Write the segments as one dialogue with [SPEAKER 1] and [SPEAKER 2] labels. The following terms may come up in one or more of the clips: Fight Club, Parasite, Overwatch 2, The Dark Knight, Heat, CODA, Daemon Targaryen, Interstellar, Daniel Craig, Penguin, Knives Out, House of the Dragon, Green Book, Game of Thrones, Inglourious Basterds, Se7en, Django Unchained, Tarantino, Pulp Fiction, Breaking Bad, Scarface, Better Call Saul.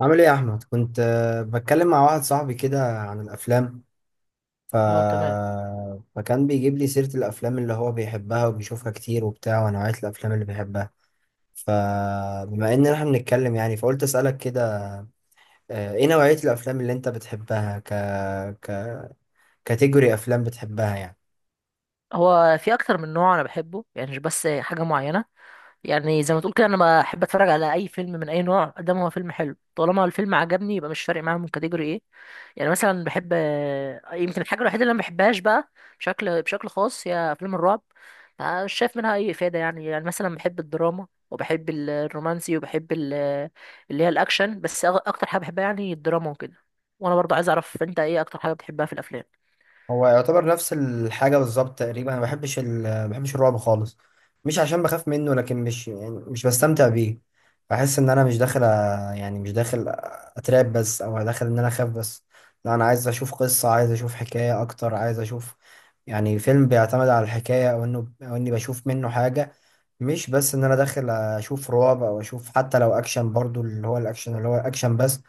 [SPEAKER 1] عامل ايه يا احمد؟ كنت بتكلم مع واحد صاحبي كده عن الافلام ف...
[SPEAKER 2] اه تمام.
[SPEAKER 1] فكان بيجيب لي سيرة الافلام اللي هو بيحبها وبيشوفها كتير وبتاع، ونوعية الافلام اللي بيحبها. فبما ان احنا بنتكلم يعني، فقلت اسالك كده. ايه نوعية الافلام اللي انت بتحبها؟ ك ك كاتيجوري افلام بتحبها يعني؟
[SPEAKER 2] هو في اكتر من نوع انا بحبه، يعني مش بس حاجه معينه. يعني زي ما تقول كده، انا بحب اتفرج على اي فيلم من اي نوع قدام، هو فيلم حلو طالما الفيلم عجبني، يبقى مش فارق معايا من كاتيجوري ايه. يعني مثلا بحب، يمكن الحاجه الوحيده اللي انا ما بحبهاش بقى بشكل خاص هي افلام الرعب. ما مش شايف منها اي افاده. يعني يعني مثلا بحب الدراما، وبحب الرومانسي، وبحب اللي هي الاكشن. بس اكتر حاجه بحبها يعني الدراما وكده. وانا برضو عايز اعرف انت ايه اكتر حاجه بتحبها في الافلام؟
[SPEAKER 1] هو يعتبر نفس الحاجة بالظبط تقريبا. أنا ما بحبش الرعب خالص. مش عشان بخاف منه، لكن مش يعني مش بستمتع بيه. بحس إن أنا مش داخل يعني مش داخل أتراب بس، أو داخل إن أنا أخاف بس. لا، أنا عايز أشوف قصة، عايز أشوف حكاية أكتر، عايز أشوف يعني فيلم بيعتمد على الحكاية، أو إني بشوف منه حاجة. مش بس إن أنا داخل أشوف رعب أو أشوف، حتى لو أكشن برضو اللي هو الأكشن اللي هو أكشن بس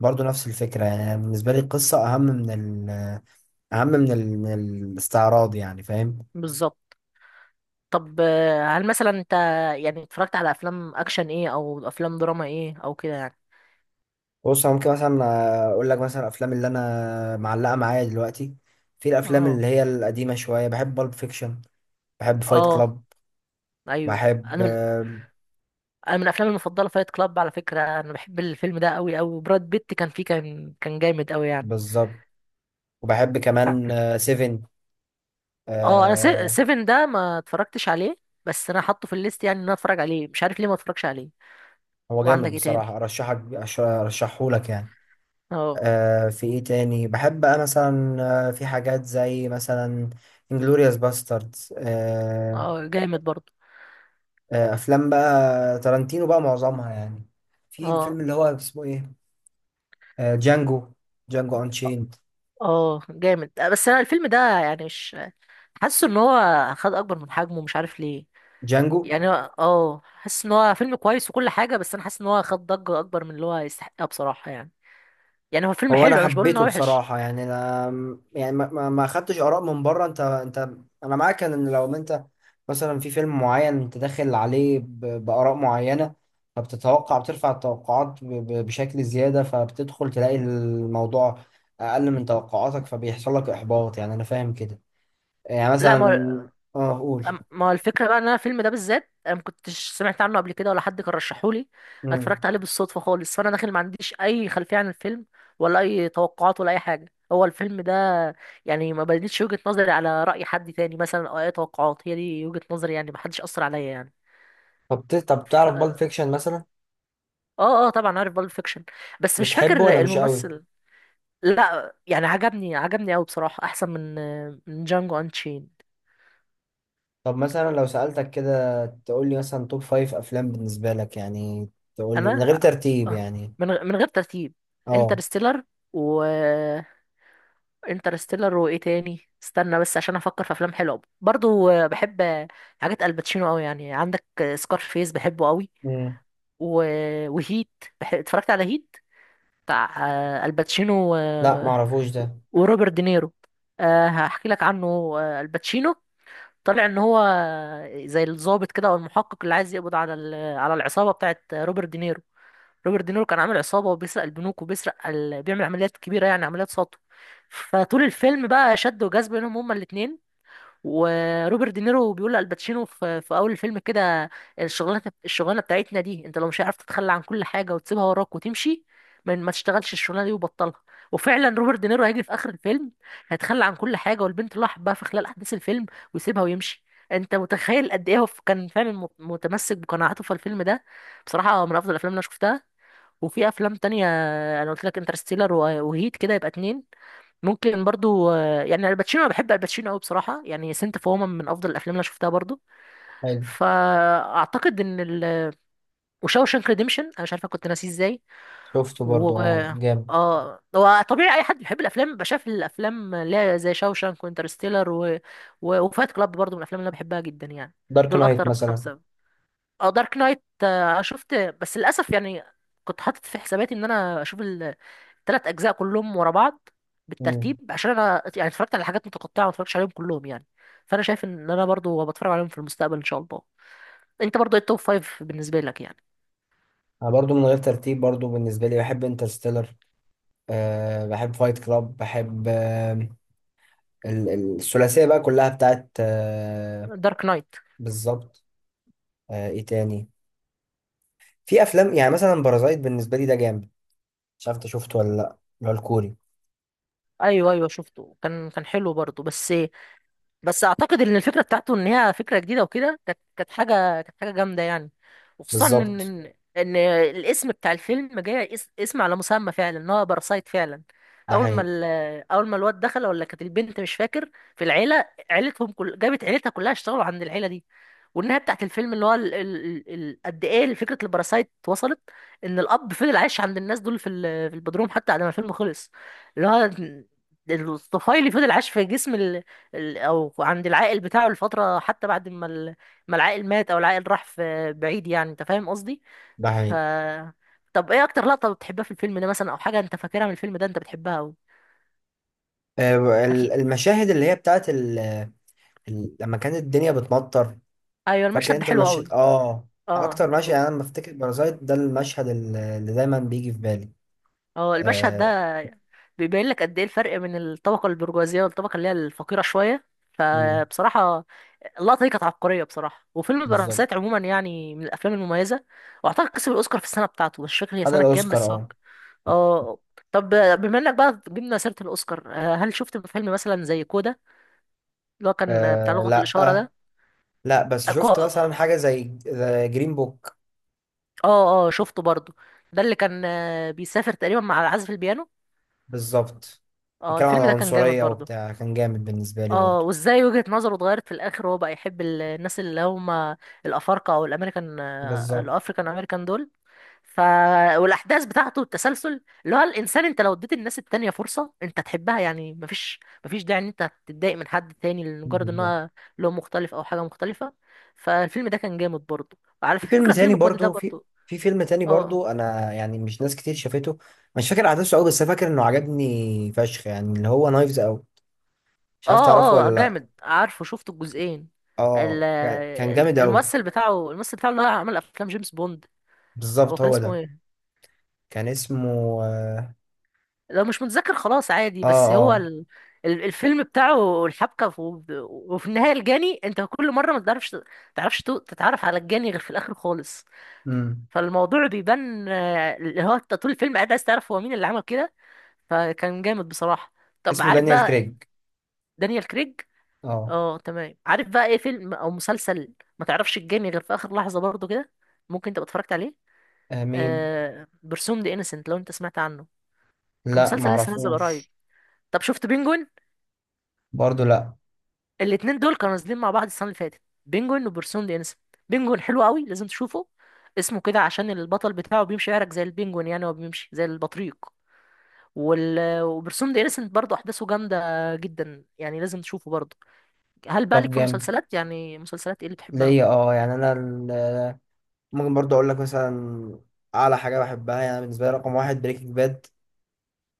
[SPEAKER 1] برضو نفس الفكرة. يعني بالنسبة لي القصة أهم من ال اهم من من الاستعراض، يعني فاهم؟
[SPEAKER 2] بالظبط. طب هل مثلا انت يعني اتفرجت على افلام اكشن ايه او افلام دراما ايه او كده يعني؟
[SPEAKER 1] بص، انا ممكن مثلا اقول لك مثلا الافلام اللي انا معلقه معايا دلوقتي. في الافلام
[SPEAKER 2] اه.
[SPEAKER 1] اللي هي القديمه شويه، بحب بالب فيكشن، بحب فايت
[SPEAKER 2] اه
[SPEAKER 1] كلاب،
[SPEAKER 2] ايوه،
[SPEAKER 1] بحب
[SPEAKER 2] انا من انا من افلامي المفضله فايت كلاب. على فكره انا بحب الفيلم ده قوي قوي، براد بيت كان فيه، كان جامد قوي يعني.
[SPEAKER 1] بالظبط. وبحب كمان سيفن.
[SPEAKER 2] اه انا
[SPEAKER 1] آه،
[SPEAKER 2] سيفن ده ما اتفرجتش عليه، بس انا حاطه في الليست يعني ان انا اتفرج عليه، مش عارف ليه ما اتفرجش عليه.
[SPEAKER 1] هو
[SPEAKER 2] وعندك
[SPEAKER 1] جامد
[SPEAKER 2] ايه
[SPEAKER 1] بصراحه.
[SPEAKER 2] تاني؟
[SPEAKER 1] ارشحه لك يعني.
[SPEAKER 2] اه.
[SPEAKER 1] في ايه تاني بحب بقى مثلا؟ في حاجات زي مثلا انجلوريوس باستردز.
[SPEAKER 2] اه جامد برضه.
[SPEAKER 1] افلام بقى تارانتينو بقى معظمها يعني. في الفيلم
[SPEAKER 2] اه
[SPEAKER 1] اللي هو اسمه ايه جانجو جانجو انشيند.
[SPEAKER 2] اه جامد، بس انا الفيلم ده يعني مش، حاسه ان هو خد اكبر من حجمه، مش عارف ليه.
[SPEAKER 1] جانجو.
[SPEAKER 2] يعني هو- اه حاسس ان هو فيلم كويس وكل حاجه، بس انا حاسس ان هو خد ضجه اكبر من اللي هو يستحقها بصراحه يعني. يعني هو فيلم
[SPEAKER 1] هو انا
[SPEAKER 2] حلو، انا مش بقول ان
[SPEAKER 1] حبيته
[SPEAKER 2] هو وحش.
[SPEAKER 1] بصراحة يعني. انا يعني ما خدتش اراء من بره. انت انا معاك ان لو انت مثلا في فيلم معين انت داخل عليه باراء معينة، فبتتوقع، بترفع التوقعات بشكل زيادة، فبتدخل تلاقي الموضوع اقل من توقعاتك، فبيحصل لك احباط يعني. انا فاهم كده يعني
[SPEAKER 2] لا ما هو،
[SPEAKER 1] مثلا. اه،
[SPEAKER 2] ما هو الفكره بقى ان انا الفيلم ده بالذات انا ما كنتش سمعت عنه قبل كده، ولا حد كان رشحهولي أنا.
[SPEAKER 1] قول.
[SPEAKER 2] اتفرجت عليه بالصدفه خالص، فانا داخل ما عنديش اي خلفيه عن الفيلم، ولا اي توقعات ولا اي حاجه هو الفيلم ده. يعني ما بنيتش وجهه نظري على راي حد تاني مثلا او اي توقعات، هي دي وجهه نظري يعني، ما حدش اثر عليا يعني.
[SPEAKER 1] طب طب
[SPEAKER 2] ف...
[SPEAKER 1] تعرف بالب فيكشن مثلا؟
[SPEAKER 2] اه اه طبعا عارف بالب فيكشن، بس مش
[SPEAKER 1] بتحبه ولا
[SPEAKER 2] فاكر
[SPEAKER 1] مش قوي؟
[SPEAKER 2] الممثل. لا يعني عجبني، عجبني قوي بصراحة، احسن من من جانجو انشين.
[SPEAKER 1] طب مثلا لو سألتك كده تقول لي مثلا توب فايف افلام بالنسبة لك يعني، تقول لي من غير
[SPEAKER 2] انا
[SPEAKER 1] ترتيب
[SPEAKER 2] آه،
[SPEAKER 1] يعني.
[SPEAKER 2] من غير ترتيب،
[SPEAKER 1] اه.
[SPEAKER 2] انترستيلر، و انترستيلر، وايه تاني؟ استنى بس عشان افكر في افلام حلوه برضو. بحب حاجات الباتشينو قوي، يعني عندك سكارفيس بحبه قوي.
[SPEAKER 1] امم
[SPEAKER 2] و... وهيت، اتفرجت على هيت بتاع الباتشينو و...
[SPEAKER 1] لا معرفوش ده.
[SPEAKER 2] وروبرت دينيرو. أه هحكي لك عنه. الباتشينو طلع ان هو زي الضابط كده او المحقق اللي عايز يقبض على على العصابه بتاعت روبرت دينيرو. روبرت دينيرو كان عامل عصابه وبيسرق البنوك وبيسرق ال... بيعمل عمليات كبيره يعني عمليات سطو. فطول الفيلم بقى شد وجذب بينهم هما الاتنين. وروبرت دينيرو بيقول لالباتشينو في اول الفيلم كده: الشغلانه بتاعتنا دي انت لو مش عارف تتخلى عن كل حاجه وتسيبها وراك وتمشي، ما تشتغلش الشغلانه دي وبطلها. وفعلا روبرت دينيرو هيجي في اخر الفيلم، هيتخلى عن كل حاجه والبنت اللي هو حبها في خلال احداث الفيلم ويسيبها ويمشي. انت متخيل قد ايه هو كان فعلا متمسك بقناعاته في الفيلم ده؟ بصراحه من افضل الافلام اللي انا شفتها. وفي افلام تانية، انا قلت لك انترستيلر وهيت، كده يبقى اتنين. ممكن برضو يعني الباتشينو، انا بحب الباتشينو قوي بصراحه، يعني سنت اوف وومن من افضل الافلام اللي أنا شفتها برضو.
[SPEAKER 1] حلو.
[SPEAKER 2] فاعتقد ان ال، وشاوشانك ريديمشن انا مش عارفه كنت ناسيه ازاي.
[SPEAKER 1] شفته
[SPEAKER 2] و
[SPEAKER 1] برضو، اه، جامد.
[SPEAKER 2] اه، هو طبيعي اي حد بيحب الافلام يبقى شاف الافلام اللي هي زي شاوشانك وانترستيلر و... و... وفايت كلاب برضو من الافلام اللي انا بحبها جدا يعني.
[SPEAKER 1] دارك
[SPEAKER 2] دول
[SPEAKER 1] نايت
[SPEAKER 2] اكتر
[SPEAKER 1] مثلا.
[SPEAKER 2] خمسه. اه دارك نايت شفت بس للاسف يعني، كنت حاطط في حساباتي ان انا اشوف ثلاث اجزاء كلهم ورا بعض
[SPEAKER 1] امم
[SPEAKER 2] بالترتيب، عشان انا يعني اتفرجت على حاجات متقطعه، ما اتفرجتش عليهم كلهم يعني. فانا شايف ان انا برضو بتفرج عليهم في المستقبل ان شاء الله. انت برضو ايه التوب فايف بالنسبه لك يعني؟
[SPEAKER 1] انا برضو من غير ترتيب، برضو بالنسبة لي بحب انترستيلر. بحب فايت كلاب، بحب الثلاثية بقى كلها بتاعت
[SPEAKER 2] دارك نايت.
[SPEAKER 1] بالظبط. ايه تاني؟ في افلام يعني مثلا بارازايت، بالنسبة لي ده جامد. مش عارف انت شفته ولا لا، اللي هو الكوري.
[SPEAKER 2] ايوه ايوه شفته، كان حلو برضو، بس بس اعتقد ان الفكره بتاعته ان هي فكره جديده وكده، كانت حاجه جامده يعني. وخصوصا ان
[SPEAKER 1] بالظبط،
[SPEAKER 2] ان إن الاسم بتاع الفيلم جاي اسم على مسمى فعلا ان هو باراسايت فعلا.
[SPEAKER 1] ده حقيقي.
[SPEAKER 2] اول ما الواد دخل، ولا كانت البنت مش فاكر، في العيله، عيلتهم كل جابت عيلتها كلها اشتغلوا عند العيله دي. والنهايه بتاعت الفيلم اللي هو قد ايه فكره الباراسايت وصلت، ان الاب فضل عايش عند الناس دول في البدروم حتى بعد ما الفيلم خلص. اللي هو الطفيلي فضل عايش في جسم او عند العائل بتاعه لفتره، حتى بعد ما العائل مات او العائل راح في بعيد، يعني انت فاهم قصدي.
[SPEAKER 1] ده
[SPEAKER 2] ف،
[SPEAKER 1] حقيقي.
[SPEAKER 2] طب ايه اكتر لقطه بتحبها في الفيلم ده مثلا، او حاجه انت فاكرها من الفيلم ده انت بتحبها قوي؟ اكيد.
[SPEAKER 1] المشاهد اللي هي بتاعت لما كانت الدنيا بتمطر.
[SPEAKER 2] ايوه
[SPEAKER 1] فاكر
[SPEAKER 2] المشهد ده
[SPEAKER 1] انت
[SPEAKER 2] حلو قوي.
[SPEAKER 1] المشهد، اه؟
[SPEAKER 2] اه.
[SPEAKER 1] اكتر مشهد يعني، انا لما افتكر بارازايت ده المشهد اللي دايما بيجي في بالي.
[SPEAKER 2] اه المشهد
[SPEAKER 1] آه...
[SPEAKER 2] ده بيبين لك قد ايه الفرق بين الطبقه البرجوازيه والطبقه اللي هي الفقيره شويه.
[SPEAKER 1] مم،
[SPEAKER 2] فبصراحه اللقطه دي كانت عبقريه بصراحه، وفيلم
[SPEAKER 1] بالظبط.
[SPEAKER 2] برسات عموما يعني من الافلام المميزه. واعتقد كسب الاوسكار في السنه بتاعته، مش فاكر هي
[SPEAKER 1] خد
[SPEAKER 2] سنه كام
[SPEAKER 1] الاوسكار،
[SPEAKER 2] بس.
[SPEAKER 1] اه.
[SPEAKER 2] اه. طب بما انك بقى جبنا سيرة الأوسكار، هل شفت فيلم مثلا زي كودا؟ اللي هو كان بتاع لغة
[SPEAKER 1] لا.
[SPEAKER 2] الإشارة ده.
[SPEAKER 1] لا، بس شفت مثلا
[SPEAKER 2] اه
[SPEAKER 1] حاجه زي جرين بوك.
[SPEAKER 2] اه. شفته برضو، ده اللي كان بيسافر تقريبا مع عازف البيانو.
[SPEAKER 1] بالظبط.
[SPEAKER 2] اه
[SPEAKER 1] بيتكلم عن
[SPEAKER 2] الفيلم ده كان جامد
[SPEAKER 1] العنصريه
[SPEAKER 2] برضو.
[SPEAKER 1] وبتاع، كان جامد بالنسبه لي
[SPEAKER 2] اه،
[SPEAKER 1] برضه.
[SPEAKER 2] وازاي وجهة نظره اتغيرت في الآخر، وهو بقى يحب الناس اللي هم الأفارقة أو الأمريكان،
[SPEAKER 1] بالظبط.
[SPEAKER 2] الأفريكان أمريكان دول. ف، والاحداث بتاعته التسلسل اللي هو الانسان، انت لو اديت الناس التانية فرصه انت تحبها، يعني مفيش داعي ان انت تتضايق من حد تاني لمجرد ان
[SPEAKER 1] بالظبط.
[SPEAKER 2] هو لون مختلف او حاجه مختلفه. فالفيلم ده كان جامد برضه. وعلى
[SPEAKER 1] في فيلم
[SPEAKER 2] فكره
[SPEAKER 1] تاني
[SPEAKER 2] فيلم كواد ده
[SPEAKER 1] برضو،
[SPEAKER 2] برضه. اه.
[SPEAKER 1] انا يعني مش ناس كتير شافته. مش فاكر احداثه قوي، بس أنا فاكر انه عجبني فشخ يعني، اللي هو نايفز اوت. مش عارف تعرفه
[SPEAKER 2] اه اه
[SPEAKER 1] ولا لا.
[SPEAKER 2] جامد، عارفه شفت الجزئين.
[SPEAKER 1] اه، كان جامد قوي.
[SPEAKER 2] الممثل بتاعه، الممثل بتاعه اللي هو عمل افلام جيمس بوند، هو
[SPEAKER 1] بالظبط،
[SPEAKER 2] كان
[SPEAKER 1] هو
[SPEAKER 2] اسمه
[SPEAKER 1] ده.
[SPEAKER 2] ايه؟
[SPEAKER 1] كان اسمه اه
[SPEAKER 2] لو مش متذكر خلاص عادي، بس هو
[SPEAKER 1] اه
[SPEAKER 2] ال... الفيلم بتاعه الحبكة في... وفي النهاية الجاني انت كل مرة ما تعرفش، تتعرف على الجاني غير في الآخر خالص.
[SPEAKER 1] امم
[SPEAKER 2] فالموضوع بيبان، اللي هو انت طول الفيلم قاعد عايز تعرف هو مين اللي عمل كده. فكان جامد بصراحة. طب
[SPEAKER 1] اسمه
[SPEAKER 2] عارف
[SPEAKER 1] دانيال
[SPEAKER 2] بقى،
[SPEAKER 1] كريج.
[SPEAKER 2] دانيال كريج.
[SPEAKER 1] اه.
[SPEAKER 2] اه تمام. عارف بقى ايه فيلم او مسلسل ما تعرفش الجاني غير في آخر لحظة برضه كده؟ ممكن تبقى اتفرجت عليه.
[SPEAKER 1] مين؟
[SPEAKER 2] آه... برسوم دي انسنت، لو انت سمعت عنه. كان
[SPEAKER 1] لا
[SPEAKER 2] مسلسل لسه نازل قريب.
[SPEAKER 1] معرفوش.
[SPEAKER 2] طب شفت بينجوين؟
[SPEAKER 1] برضو لا.
[SPEAKER 2] الاتنين دول كانوا نازلين مع بعض السنه اللي فاتت، بينجوين وبرسون دي انسا. بينجوين حلو قوي لازم تشوفه، اسمه كده عشان البطل بتاعه بيمشي يعرج زي البينجوين، يعني هو بيمشي زي البطريق. وال... وبرسوم دي انسنت برضه احداثه جامده جدا يعني، لازم تشوفه برضه. هل بقى
[SPEAKER 1] طب
[SPEAKER 2] لك في
[SPEAKER 1] جامد
[SPEAKER 2] المسلسلات يعني مسلسلات ايه اللي بتحبها؟
[SPEAKER 1] ليا، اه. يعني انا ممكن برضو اقول لك مثلا. اعلى حاجه بحبها يعني، بالنسبه لي رقم واحد بريكنج باد.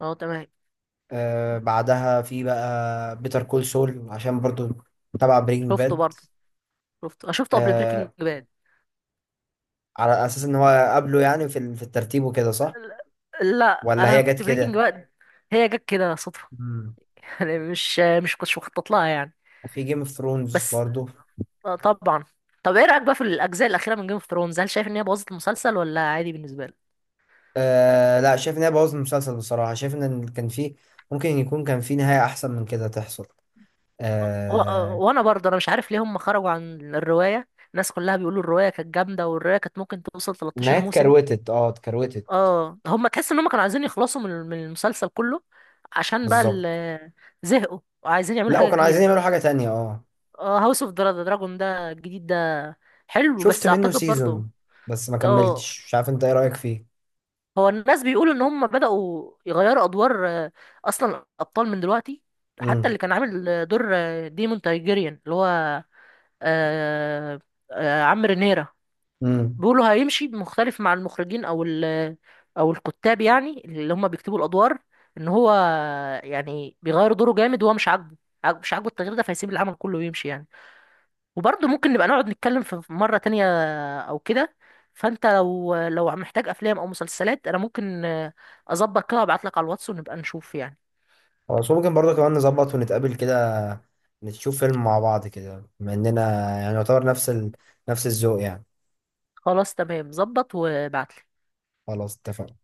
[SPEAKER 2] اه تمام.
[SPEAKER 1] بعدها في بقى بيتر كول سول، عشان برضو تبع برينج
[SPEAKER 2] شفته
[SPEAKER 1] باد.
[SPEAKER 2] برضه، شفته انا شفته قبل بريكنج
[SPEAKER 1] آه
[SPEAKER 2] باد.
[SPEAKER 1] على اساس ان هو قبله يعني في في الترتيب وكده، صح؟
[SPEAKER 2] لا
[SPEAKER 1] ولا
[SPEAKER 2] انا
[SPEAKER 1] هي جت
[SPEAKER 2] كنت بريكنج
[SPEAKER 1] كده؟
[SPEAKER 2] باد، هي جت كده صدفه.
[SPEAKER 1] مم.
[SPEAKER 2] يعني مش، مش كنتش مخطط لها يعني.
[SPEAKER 1] في جيم اوف ثرونز
[SPEAKER 2] بس
[SPEAKER 1] برضو.
[SPEAKER 2] طبعا. طب ايه رايك بقى في الاجزاء الاخيره من جيم اوف ثرونز، هل شايف ان هي بوظت المسلسل ولا عادي بالنسبه لك؟
[SPEAKER 1] لا، شايف ان هي بوظت المسلسل بصراحة. شايف ان كان في، ممكن يكون كان في نهاية احسن من كده تحصل.
[SPEAKER 2] و...
[SPEAKER 1] آه
[SPEAKER 2] وانا برضه انا مش عارف ليه هم خرجوا عن الروايه، الناس كلها بيقولوا الروايه كانت جامده، والروايه كانت ممكن توصل
[SPEAKER 1] النهاية
[SPEAKER 2] 13 موسم.
[SPEAKER 1] اتكروتت،
[SPEAKER 2] اه هم تحس ان هم كانوا عايزين يخلصوا من من المسلسل كله عشان بقى
[SPEAKER 1] بالظبط.
[SPEAKER 2] زهقوا وعايزين يعملوا
[SPEAKER 1] لا،
[SPEAKER 2] حاجه
[SPEAKER 1] وكانوا عايزين
[SPEAKER 2] جديده.
[SPEAKER 1] يعملوا حاجة تانية، اه.
[SPEAKER 2] اه هاوس اوف دراجون ده الجديد ده، حلو
[SPEAKER 1] شفت
[SPEAKER 2] بس
[SPEAKER 1] منه
[SPEAKER 2] اعتقد برضه.
[SPEAKER 1] سيزون بس ما
[SPEAKER 2] اه.
[SPEAKER 1] كملتش. مش عارف انت ايه رأيك فيه.
[SPEAKER 2] هو الناس بيقولوا ان هم بدأوا يغيروا ادوار اصلا الابطال من دلوقتي، حتى اللي كان عامل دور ديمون تايجيريان اللي هو، آه، عم رينيرا،
[SPEAKER 1] امم
[SPEAKER 2] بيقولوا هيمشي مختلف مع المخرجين او او الكتاب يعني اللي هم بيكتبوا الادوار، ان هو يعني بيغير دوره جامد وهو مش عاجبه، مش عاجبه التغيير ده فهيسيب العمل كله ويمشي يعني. وبرضه ممكن نبقى نقعد نتكلم في مرة تانية أو كده. فأنت لو محتاج أفلام أو مسلسلات، أنا ممكن أظبط كده وأبعتلك على الواتس ونبقى نشوف يعني.
[SPEAKER 1] خلاص، ممكن برضه كمان نظبط ونتقابل كده، نشوف فيلم مع بعض كده، بما اننا يعني يعتبر نفس نفس الذوق يعني.
[SPEAKER 2] خلاص تمام، ظبط وابعتلي.
[SPEAKER 1] خلاص اتفقنا.